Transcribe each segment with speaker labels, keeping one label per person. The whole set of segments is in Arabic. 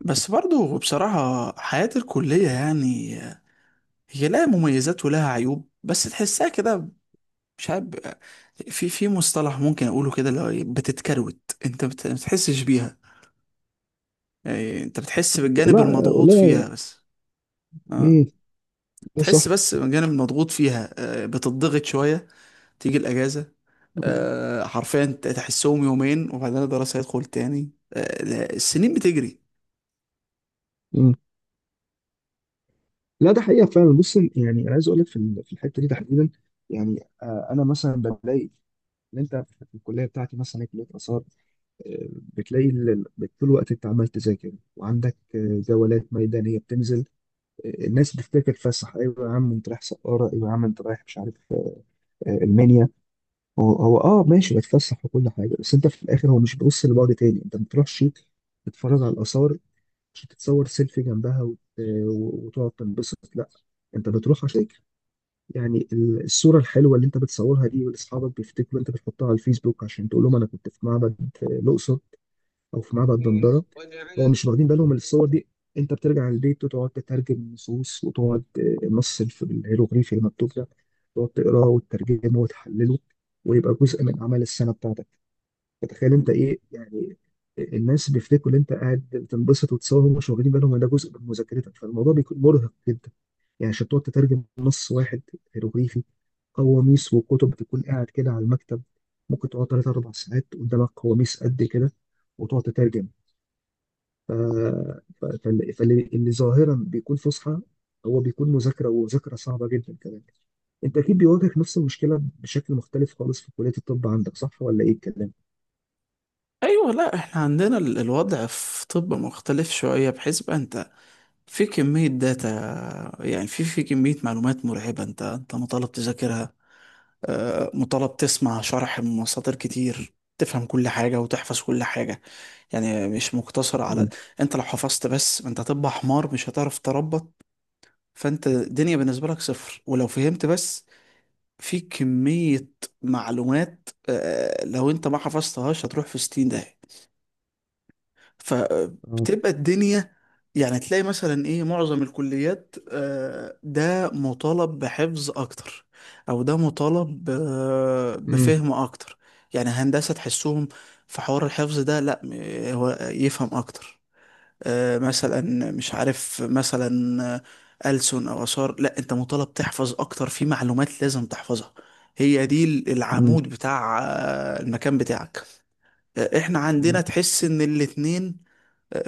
Speaker 1: بس برضه بصراحة حياة الكلية يعني هي لها مميزات ولها عيوب بس تحسها كده. مش عارف. في مصطلح ممكن أقوله كده اللي هو إيه، بتتكروت. أنت ما بتحسش بيها، يعني أنت بتحس بالجانب
Speaker 2: والله
Speaker 1: المضغوط فيها
Speaker 2: والله.
Speaker 1: بس. أه.
Speaker 2: مم. ده صح.
Speaker 1: تحس بس بالجانب المضغوط فيها. بتضغط شوية، تيجي الأجازة.
Speaker 2: مم.
Speaker 1: حرفيا تحسهم يومين وبعدين الدراسة هيدخل تاني. لا، السنين بتجري.
Speaker 2: مم. لا، ده حقيقة فعلا. بص، يعني أنا عايز أقول لك في الحتة دي تحديدا. يعني أنا مثلا بلاقي إن أنت في الكلية بتاعتي مثلا، هي كلية آثار. بتلاقي طول الوقت أنت عمال تذاكر، وعندك جولات ميدانية بتنزل. الناس بتفتكر تفسح، أيوة يا عم أنت رايح سقارة، أيوة يا عم أنت رايح مش عارف، المنيا. هو هو أه ماشي، بتفسح وكل حاجة، بس أنت في الآخر هو مش بيبص لبعد تاني، أنت ما بتروحش تتفرج على الآثار، مش تتصور سيلفي جنبها وتقعد تنبسط، لا. انت بتروح عشان تفتكر. يعني الصوره الحلوه اللي انت بتصورها دي والاصحابك بيفتكروا، انت بتحطها على الفيسبوك عشان تقول لهم انا كنت في معبد الاقصر او في معبد دندره. هو مش واخدين بالهم من الصور دي. انت بترجع البيت وتقعد تترجم نصوص وتقعد، النص الهيروغليفي المكتوب ده تقعد تقراه وتترجمه وتحلله، ويبقى جزء من اعمال السنه بتاعتك. فتخيل انت ايه يعني. الناس بيفتكروا ان انت قاعد بتنبسط وتصور، هم مش واخدين بالهم ان ده جزء من مذاكرتك، فالموضوع بيكون مرهق جدا. يعني عشان تقعد تترجم نص واحد هيروغليفي، قواميس وكتب تكون قاعد كده على المكتب، ممكن تقعد 3 4 ساعات قدامك قواميس قد كده وتقعد تترجم. ف... اللي ظاهرا بيكون فصحى هو بيكون مذاكرة، ومذاكرة صعبة جدا كمان. أنت أكيد بيواجهك نفس المشكلة بشكل مختلف خالص في كلية الطب، عندك صح ولا إيه الكلام؟
Speaker 1: ايوه، لا احنا عندنا الوضع في طب مختلف شويه، بحيث بقى انت في كميه داتا. يعني في كميه معلومات مرعبه، انت مطالب تذاكرها. مطالب تسمع شرح من مصادر كتير، تفهم كل حاجه وتحفظ كل حاجه. يعني مش مقتصر على،
Speaker 2: مم.
Speaker 1: انت لو حفظت بس انت هتبقى حمار، مش هتعرف تربط. فانت الدنيا بالنسبه لك صفر. ولو فهمت بس في كميه معلومات لو انت ما حفظتهاش هتروح في 60 داهيه، فبتبقى الدنيا. يعني تلاقي مثلا ايه، معظم الكليات ده مطالب بحفظ اكتر او ده مطالب
Speaker 2: اه.
Speaker 1: بفهم اكتر. يعني هندسة تحسهم في حوار الحفظ ده، لا هو يفهم اكتر. مثلا مش عارف، مثلا آه، ألسن او آثار، لا انت مطالب تحفظ اكتر. في معلومات لازم تحفظها، هي دي
Speaker 2: مم.
Speaker 1: العمود بتاع المكان بتاعك. احنا
Speaker 2: مم.
Speaker 1: عندنا تحس ان الاتنين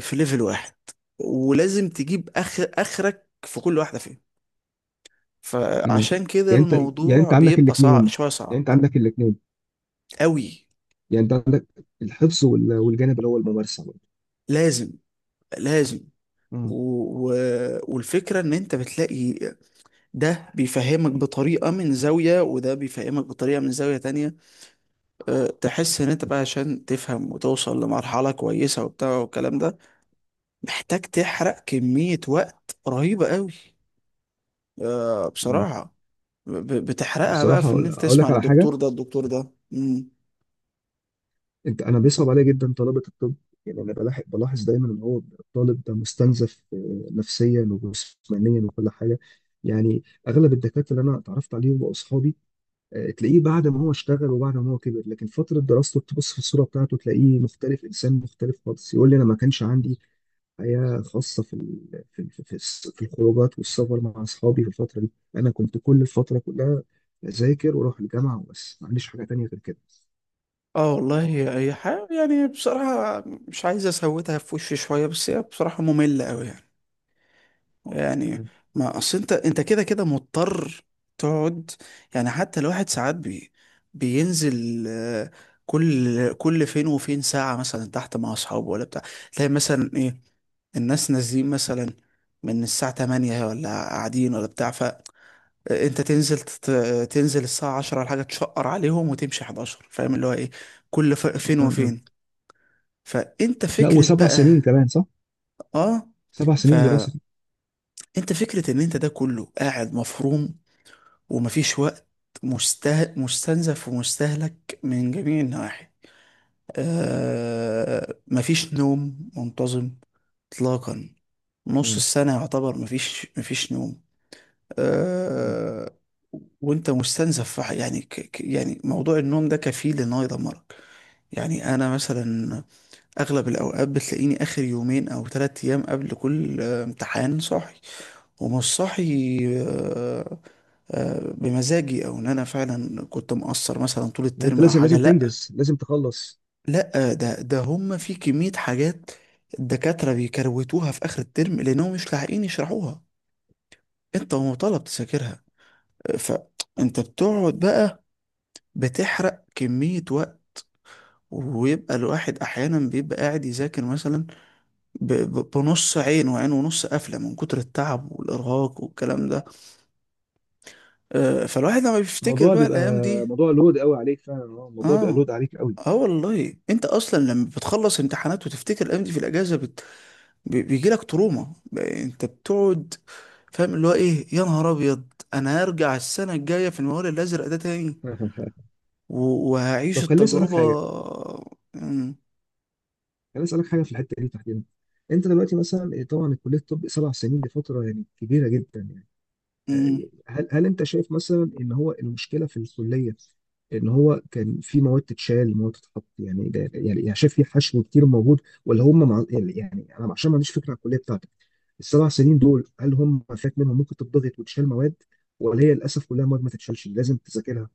Speaker 1: في ليفل واحد، ولازم تجيب اخر اخرك في كل واحده فيهم.
Speaker 2: مم.
Speaker 1: فعشان كده
Speaker 2: يعني انت يعني انت
Speaker 1: الموضوع
Speaker 2: عندك
Speaker 1: بيبقى صعب،
Speaker 2: الاثنين.
Speaker 1: شويه
Speaker 2: يعني
Speaker 1: صعب
Speaker 2: انت عندك الاثنين.
Speaker 1: قوي.
Speaker 2: يعني انت عندك الحفظ والجانب اللي هو الممارسه برضه.
Speaker 1: لازم. لازم. و...
Speaker 2: مم.
Speaker 1: و... والفكره ان انت بتلاقي ده بيفهمك بطريقه من زاويه، وده بيفهمك بطريقه من زاويه تانية. أه، تحس ان انت بقى عشان تفهم وتوصل لمرحله كويسه وبتاع والكلام ده، محتاج تحرق كميه وقت رهيبه قوي. أه،
Speaker 2: مم.
Speaker 1: بصراحه. بتحرقها بقى
Speaker 2: بصراحه،
Speaker 1: في ان انت
Speaker 2: أقول
Speaker 1: تسمع
Speaker 2: لك على حاجه.
Speaker 1: للدكتور ده، الدكتور ده.
Speaker 2: انت، انا بيصعب عليا جدا طلبه الطب. يعني انا بلاحظ دايما ان هو الطالب ده مستنزف، نفسيا وجسمانيا وكل حاجه. يعني اغلب الدكاتره اللي انا اتعرفت عليهم واصحابي، تلاقيه بعد ما هو اشتغل وبعد ما هو كبر، لكن فتره دراسته تبص في الصوره بتاعته تلاقيه مختلف، انسان مختلف خالص. يقول لي انا ما كانش عندي حياة خاصة في الخروجات والسفر مع أصحابي في الفترة دي. أنا كنت كل الفترة كلها أذاكر وأروح الجامعة وبس، ما عنديش حاجة تانية غير كده.
Speaker 1: اه والله، هي حاجة يعني بصراحة، مش عايز اسوتها في وشي شوية، بس هي بصراحة مملة قوي يعني. يعني،
Speaker 2: مم.
Speaker 1: ما اصل انت كده كده مضطر تقعد. يعني حتى الواحد ساعات بينزل كل فين وفين ساعة مثلا تحت مع اصحابه ولا بتاع. تلاقي مثلا ايه، الناس نازلين مثلا من الساعة 8 ولا قاعدين ولا بتاع، انت تنزل تنزل الساعة 10 ولا حاجة، تشقر عليهم وتمشي 11، فاهم اللي هو ايه، كل فين
Speaker 2: مم. مم.
Speaker 1: وفين. فانت
Speaker 2: لا،
Speaker 1: فكرة
Speaker 2: وسبع سنين
Speaker 1: بقى.
Speaker 2: كمان، صح؟
Speaker 1: اه،
Speaker 2: 7 سنين
Speaker 1: فانت
Speaker 2: دراسة.
Speaker 1: فكرة ان انت ده كله قاعد مفروم، ومفيش وقت، مستنزف ومستهلك من جميع النواحي. مفيش نوم منتظم اطلاقا، نص
Speaker 2: مم.
Speaker 1: السنة يعتبر مفيش نوم.
Speaker 2: مم.
Speaker 1: آه، وانت مستنزف في يعني يعني موضوع النوم ده كفيل ان هو يدمرك. يعني انا مثلا اغلب الاوقات بتلاقيني اخر يومين او ثلاث ايام قبل كل امتحان صاحي، ومش صاحي بمزاجي، او ان انا فعلا كنت مقصر مثلا طول
Speaker 2: لا، أنت
Speaker 1: الترم او
Speaker 2: لازم،
Speaker 1: حاجه،
Speaker 2: لازم
Speaker 1: لا.
Speaker 2: تنجز، لازم تخلص.
Speaker 1: لا ده هم في كميه حاجات الدكاتره بيكروتوها في اخر الترم لانهم مش لاحقين يشرحوها، انت مطالب تذاكرها. فانت بتقعد بقى بتحرق كمية وقت، ويبقى الواحد احيانا بيبقى قاعد يذاكر مثلا، بنص عين وعين ونص قافلة من كتر التعب والارهاق والكلام ده. فالواحد لما بيفتكر
Speaker 2: الموضوع
Speaker 1: بقى
Speaker 2: بيبقى
Speaker 1: الايام دي.
Speaker 2: موضوع لود قوي عليك فعلا، اه، الموضوع بيبقى
Speaker 1: اه.
Speaker 2: لود عليك قوي.
Speaker 1: اه والله، انت اصلا لما بتخلص امتحانات وتفتكر الايام دي في الاجازة بيجيلك تروما، انت بتقعد فاهم اللي هو ايه، يا نهار ابيض انا هرجع السنة الجاية في الموال الازرق ده تاني. وهعيش
Speaker 2: طب، خليني أسألك
Speaker 1: التجربة.
Speaker 2: حاجة.
Speaker 1: مم.
Speaker 2: خليني أسألك حاجة في الحتة دي تحديدا. أنت دلوقتي مثلا إيه، طبعا كلية الطب 7 سنين دي فترة يعني كبيرة جدا يعني.
Speaker 1: مم.
Speaker 2: هل انت شايف مثلا ان هو المشكله في الكليه، ان هو كان في مواد تتشال، مواد تتحط، يعني ده يعني شايف في حشو كتير موجود، ولا هم مع؟ يعني انا عشان ما عنديش فكره عن الكليه بتاعتك، ال7 سنين دول هل هم فات منهم، ممكن تضغط وتشال مواد، ولا هي للاسف كلها مواد ما تتشالش لازم تذاكرها؟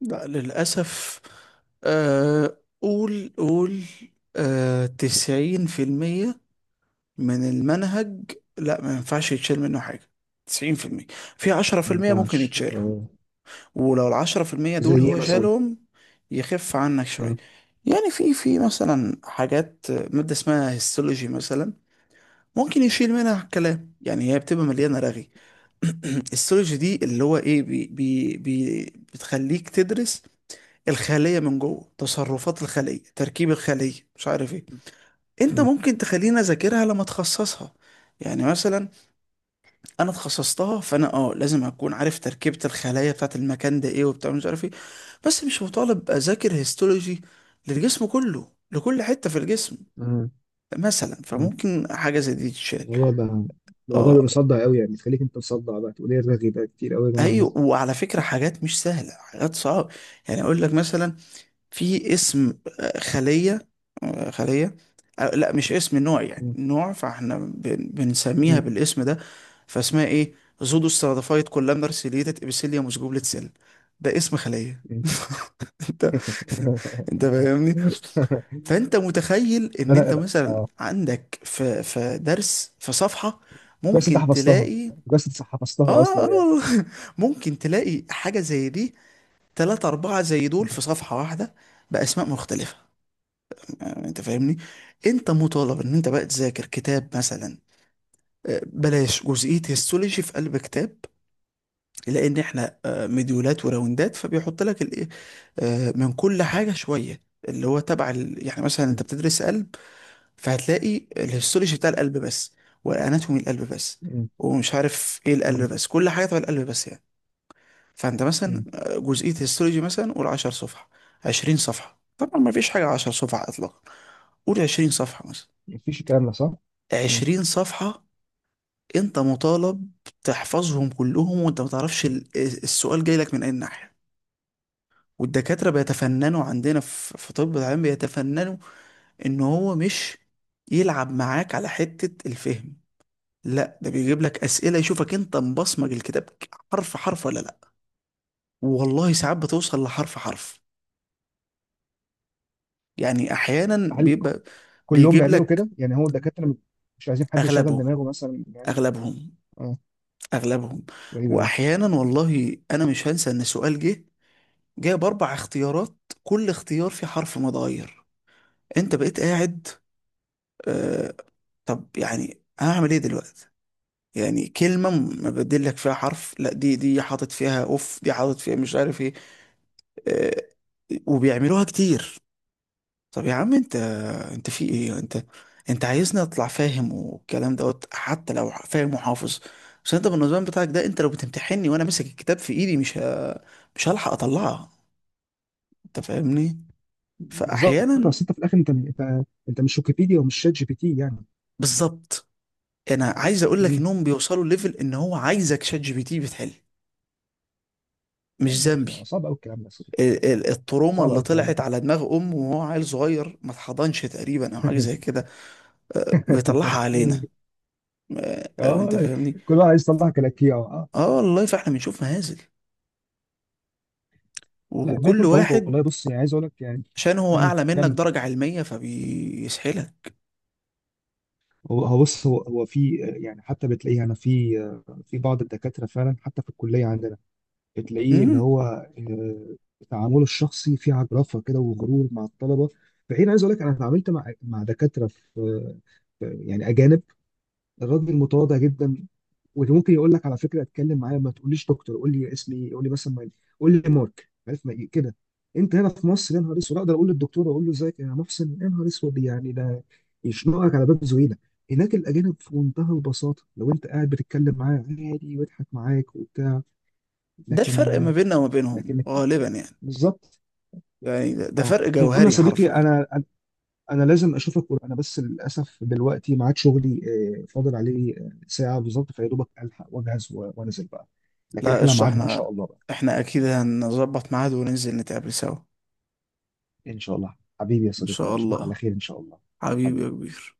Speaker 1: لا للأسف. قول قول. تسعين في المية من المنهج، لا ما ينفعش يتشال منه حاجة. تسعين في المية، في عشرة في
Speaker 2: ما
Speaker 1: المية ممكن
Speaker 2: ينفعش،
Speaker 1: يتشالوا،
Speaker 2: اه.
Speaker 1: ولو العشرة في المية
Speaker 2: زي
Speaker 1: دول
Speaker 2: ايه
Speaker 1: هو
Speaker 2: مثلا؟
Speaker 1: شالهم يخف عنك شوية.
Speaker 2: اه.
Speaker 1: يعني في مثلا حاجات، مادة اسمها هيستولوجي مثلا، ممكن يشيل منها الكلام، يعني هي بتبقى مليانة رغي. السيولوجي دي اللي هو ايه، بي بي بي بتخليك تدرس الخلية من جوه، تصرفات الخلية، تركيب الخلية، مش عارف ايه. انت
Speaker 2: اه.
Speaker 1: ممكن تخليني اذاكرها لما اتخصصها. يعني مثلا انا اتخصصتها، فانا اه لازم اكون عارف تركيبة الخلايا بتاعت المكان ده ايه، وبتاع مش عارف ايه. بس مش مطالب اذاكر هيستولوجي للجسم كله، لكل حتة في الجسم
Speaker 2: اه.
Speaker 1: مثلا.
Speaker 2: اه.
Speaker 1: فممكن حاجة زي دي تتشال.
Speaker 2: الموضوع بقى الموضوع بيبقى
Speaker 1: اه.
Speaker 2: مصدع قوي يعني، تخليك انت مصدع، بقى تقول ايه الرغي بقى كتير قوي يا جماعه ده.
Speaker 1: ايوه، وعلى فكرة، حاجات مش سهلة، حاجات صعبة. يعني اقول لك مثلا، في اسم خلية، خلية، لا مش اسم، نوع يعني،
Speaker 2: اه.
Speaker 1: نوع فاحنا بنسميها
Speaker 2: اه.
Speaker 1: بالاسم ده. فاسمها ايه؟ زودو ستراتيفايد كولامنر سيليتد ابيثيليوم جوبلت سيل. ده اسم خلية. انت، انت
Speaker 2: اه.
Speaker 1: فاهمني. فانت متخيل
Speaker 2: ده
Speaker 1: ان انت
Speaker 2: انا
Speaker 1: مثلا
Speaker 2: اه،
Speaker 1: عندك في درس في صفحة
Speaker 2: كويس انت
Speaker 1: ممكن
Speaker 2: حفظتها،
Speaker 1: تلاقي.
Speaker 2: كويس انت حفظتها
Speaker 1: اه،
Speaker 2: اصلا يعني.
Speaker 1: ممكن تلاقي حاجة زي دي تلاتة أربعة زي دول في صفحة واحدة، بأسماء مختلفة. يعني انت فاهمني. انت مطالب ان انت بقى تذاكر كتاب مثلا. بلاش جزئية هيستولوجي في قلب كتاب، لان احنا مديولات وراوندات، فبيحط لك الايه من كل حاجة شوية، اللي هو تبع يعني مثلا انت بتدرس قلب، فهتلاقي الهيستولوجي بتاع القلب بس، والاناتومي القلب بس،
Speaker 2: م-
Speaker 1: ومش عارف ايه القلب
Speaker 2: م-
Speaker 1: بس، كل حاجة تبع القلب بس يعني. فانت مثلا
Speaker 2: م-
Speaker 1: جزئية هيستولوجي مثلا، قول 10 صفحة، 20 صفحة، طبعا ما فيش حاجة 10 صفحة اطلاقا، قول 20 صفحة مثلا،
Speaker 2: مفيش الكلام ده صح؟ م.
Speaker 1: عشرين صفحة. انت مطالب تحفظهم كلهم، وانت ما تعرفش السؤال جاي لك من اي ناحية. والدكاترة بيتفننوا عندنا في طب، العلم بيتفننوا ان هو مش يلعب معاك على حتة الفهم، لا ده بيجيب لك اسئلة يشوفك انت مبصمج الكتاب حرف حرف ولا لا. والله ساعات بتوصل لحرف حرف، يعني احيانا
Speaker 2: هل ك-
Speaker 1: بيبقى
Speaker 2: كلهم
Speaker 1: بيجيب
Speaker 2: بيعملوا
Speaker 1: لك.
Speaker 2: كده؟ يعني هو الدكاترة مش عايزين حد يشغل
Speaker 1: اغلبهم.
Speaker 2: دماغه مثلا يعني.
Speaker 1: اغلبهم.
Speaker 2: اه،
Speaker 1: اغلبهم.
Speaker 2: غريب قوي.
Speaker 1: واحيانا والله انا مش هنسى ان سؤال جه جايب اربع اختيارات، كل اختيار فيه حرف متغير، انت بقيت قاعد آه، طب يعني هعمل ايه دلوقتي؟ يعني كلمة مبدل لك فيها حرف، لا دي حاطط فيها اوف، دي حاطط فيها مش عارف ايه. آه، وبيعملوها كتير. طب يا عم انت، انت في ايه انت، انت عايزني اطلع فاهم والكلام دوت، حتى لو فاهم وحافظ، بس انت بالنظام بتاعك ده، انت لو بتمتحني وانا ماسك الكتاب في ايدي، مش هلحق اطلعها. انت فاهمني.
Speaker 2: بالظبط، بس
Speaker 1: فاحيانا،
Speaker 2: انت في الاخر، انت مش ويكيبيديا ومش شات جي بي تي يعني.
Speaker 1: بالظبط. انا عايز اقول لك
Speaker 2: م.
Speaker 1: انهم بيوصلوا ليفل ان هو عايزك شات جي بي تي بتحل،
Speaker 2: لا،
Speaker 1: مش
Speaker 2: مش
Speaker 1: ذنبي.
Speaker 2: صعب قوي الكلام ده.
Speaker 1: التروما
Speaker 2: صعب
Speaker 1: اللي
Speaker 2: قوي الكلام ده.
Speaker 1: طلعت على دماغ امه وهو عيل صغير، ما اتحضنش تقريبا، او حاجه زي كده، بيطلعها علينا.
Speaker 2: اه،
Speaker 1: انت
Speaker 2: لا،
Speaker 1: فاهمني.
Speaker 2: كل واحد عايز يطلع كلاكيع، اه، آه.
Speaker 1: اه والله، فاحنا بنشوف مهازل،
Speaker 2: لا، ما
Speaker 1: وكل
Speaker 2: يكون في عونكم
Speaker 1: واحد
Speaker 2: والله. بص، يعني عايز اقول لك يعني.
Speaker 1: عشان هو
Speaker 2: م،
Speaker 1: اعلى منك
Speaker 2: كمل.
Speaker 1: درجه علميه فبيسحلك.
Speaker 2: هو هو بص، هو هو في، يعني حتى بتلاقيه، انا في بعض الدكاتره فعلا، حتى في الكليه عندنا، بتلاقيه اللي
Speaker 1: امم
Speaker 2: هو، آه، تعامله الشخصي فيه عجرفه كده وغرور مع الطلبه. فحين عايز اقول لك انا اتعاملت مع دكاتره يعني اجانب. الراجل متواضع جدا، واللي ممكن يقول لك، على فكره اتكلم معايا ما تقوليش دكتور، قول لي اسمي ايه، قول لي مثلا قول لي مارك، عارف ما إيه كده. انت هنا في مصر يا نهار اسود اقدر اقول للدكتور، اقول له ازيك يا محسن؟ يا نهار اسود، يعني ده يشنقك على باب زويله. هناك الاجانب في منتهى البساطه، لو انت قاعد بتتكلم معاه عادي ويضحك معاك وبتاع.
Speaker 1: ده الفرق ما
Speaker 2: لكن
Speaker 1: بيننا وما بينهم
Speaker 2: لكن،
Speaker 1: غالبا يعني.
Speaker 2: بالظبط.
Speaker 1: يعني ده
Speaker 2: اه،
Speaker 1: فرق
Speaker 2: المهم يا
Speaker 1: جوهري
Speaker 2: صديقي،
Speaker 1: حرفيا.
Speaker 2: انا لازم اشوفك، انا بس للاسف دلوقتي ميعاد شغلي، فاضل عليه ساعه بالظبط، فيا دوبك الحق واجهز وانزل بقى. لكن
Speaker 1: لا
Speaker 2: احنا
Speaker 1: قشطة،
Speaker 2: ميعادنا ان
Speaker 1: احنا
Speaker 2: شاء الله بقى.
Speaker 1: احنا اكيد هنظبط ميعاد وننزل نتقابل سوا.
Speaker 2: ان شاء الله حبيبي يا
Speaker 1: ان
Speaker 2: صديقي،
Speaker 1: شاء
Speaker 2: اشوفك على
Speaker 1: الله
Speaker 2: خير ان شاء الله.
Speaker 1: حبيبي يا
Speaker 2: حبيبي.
Speaker 1: كبير.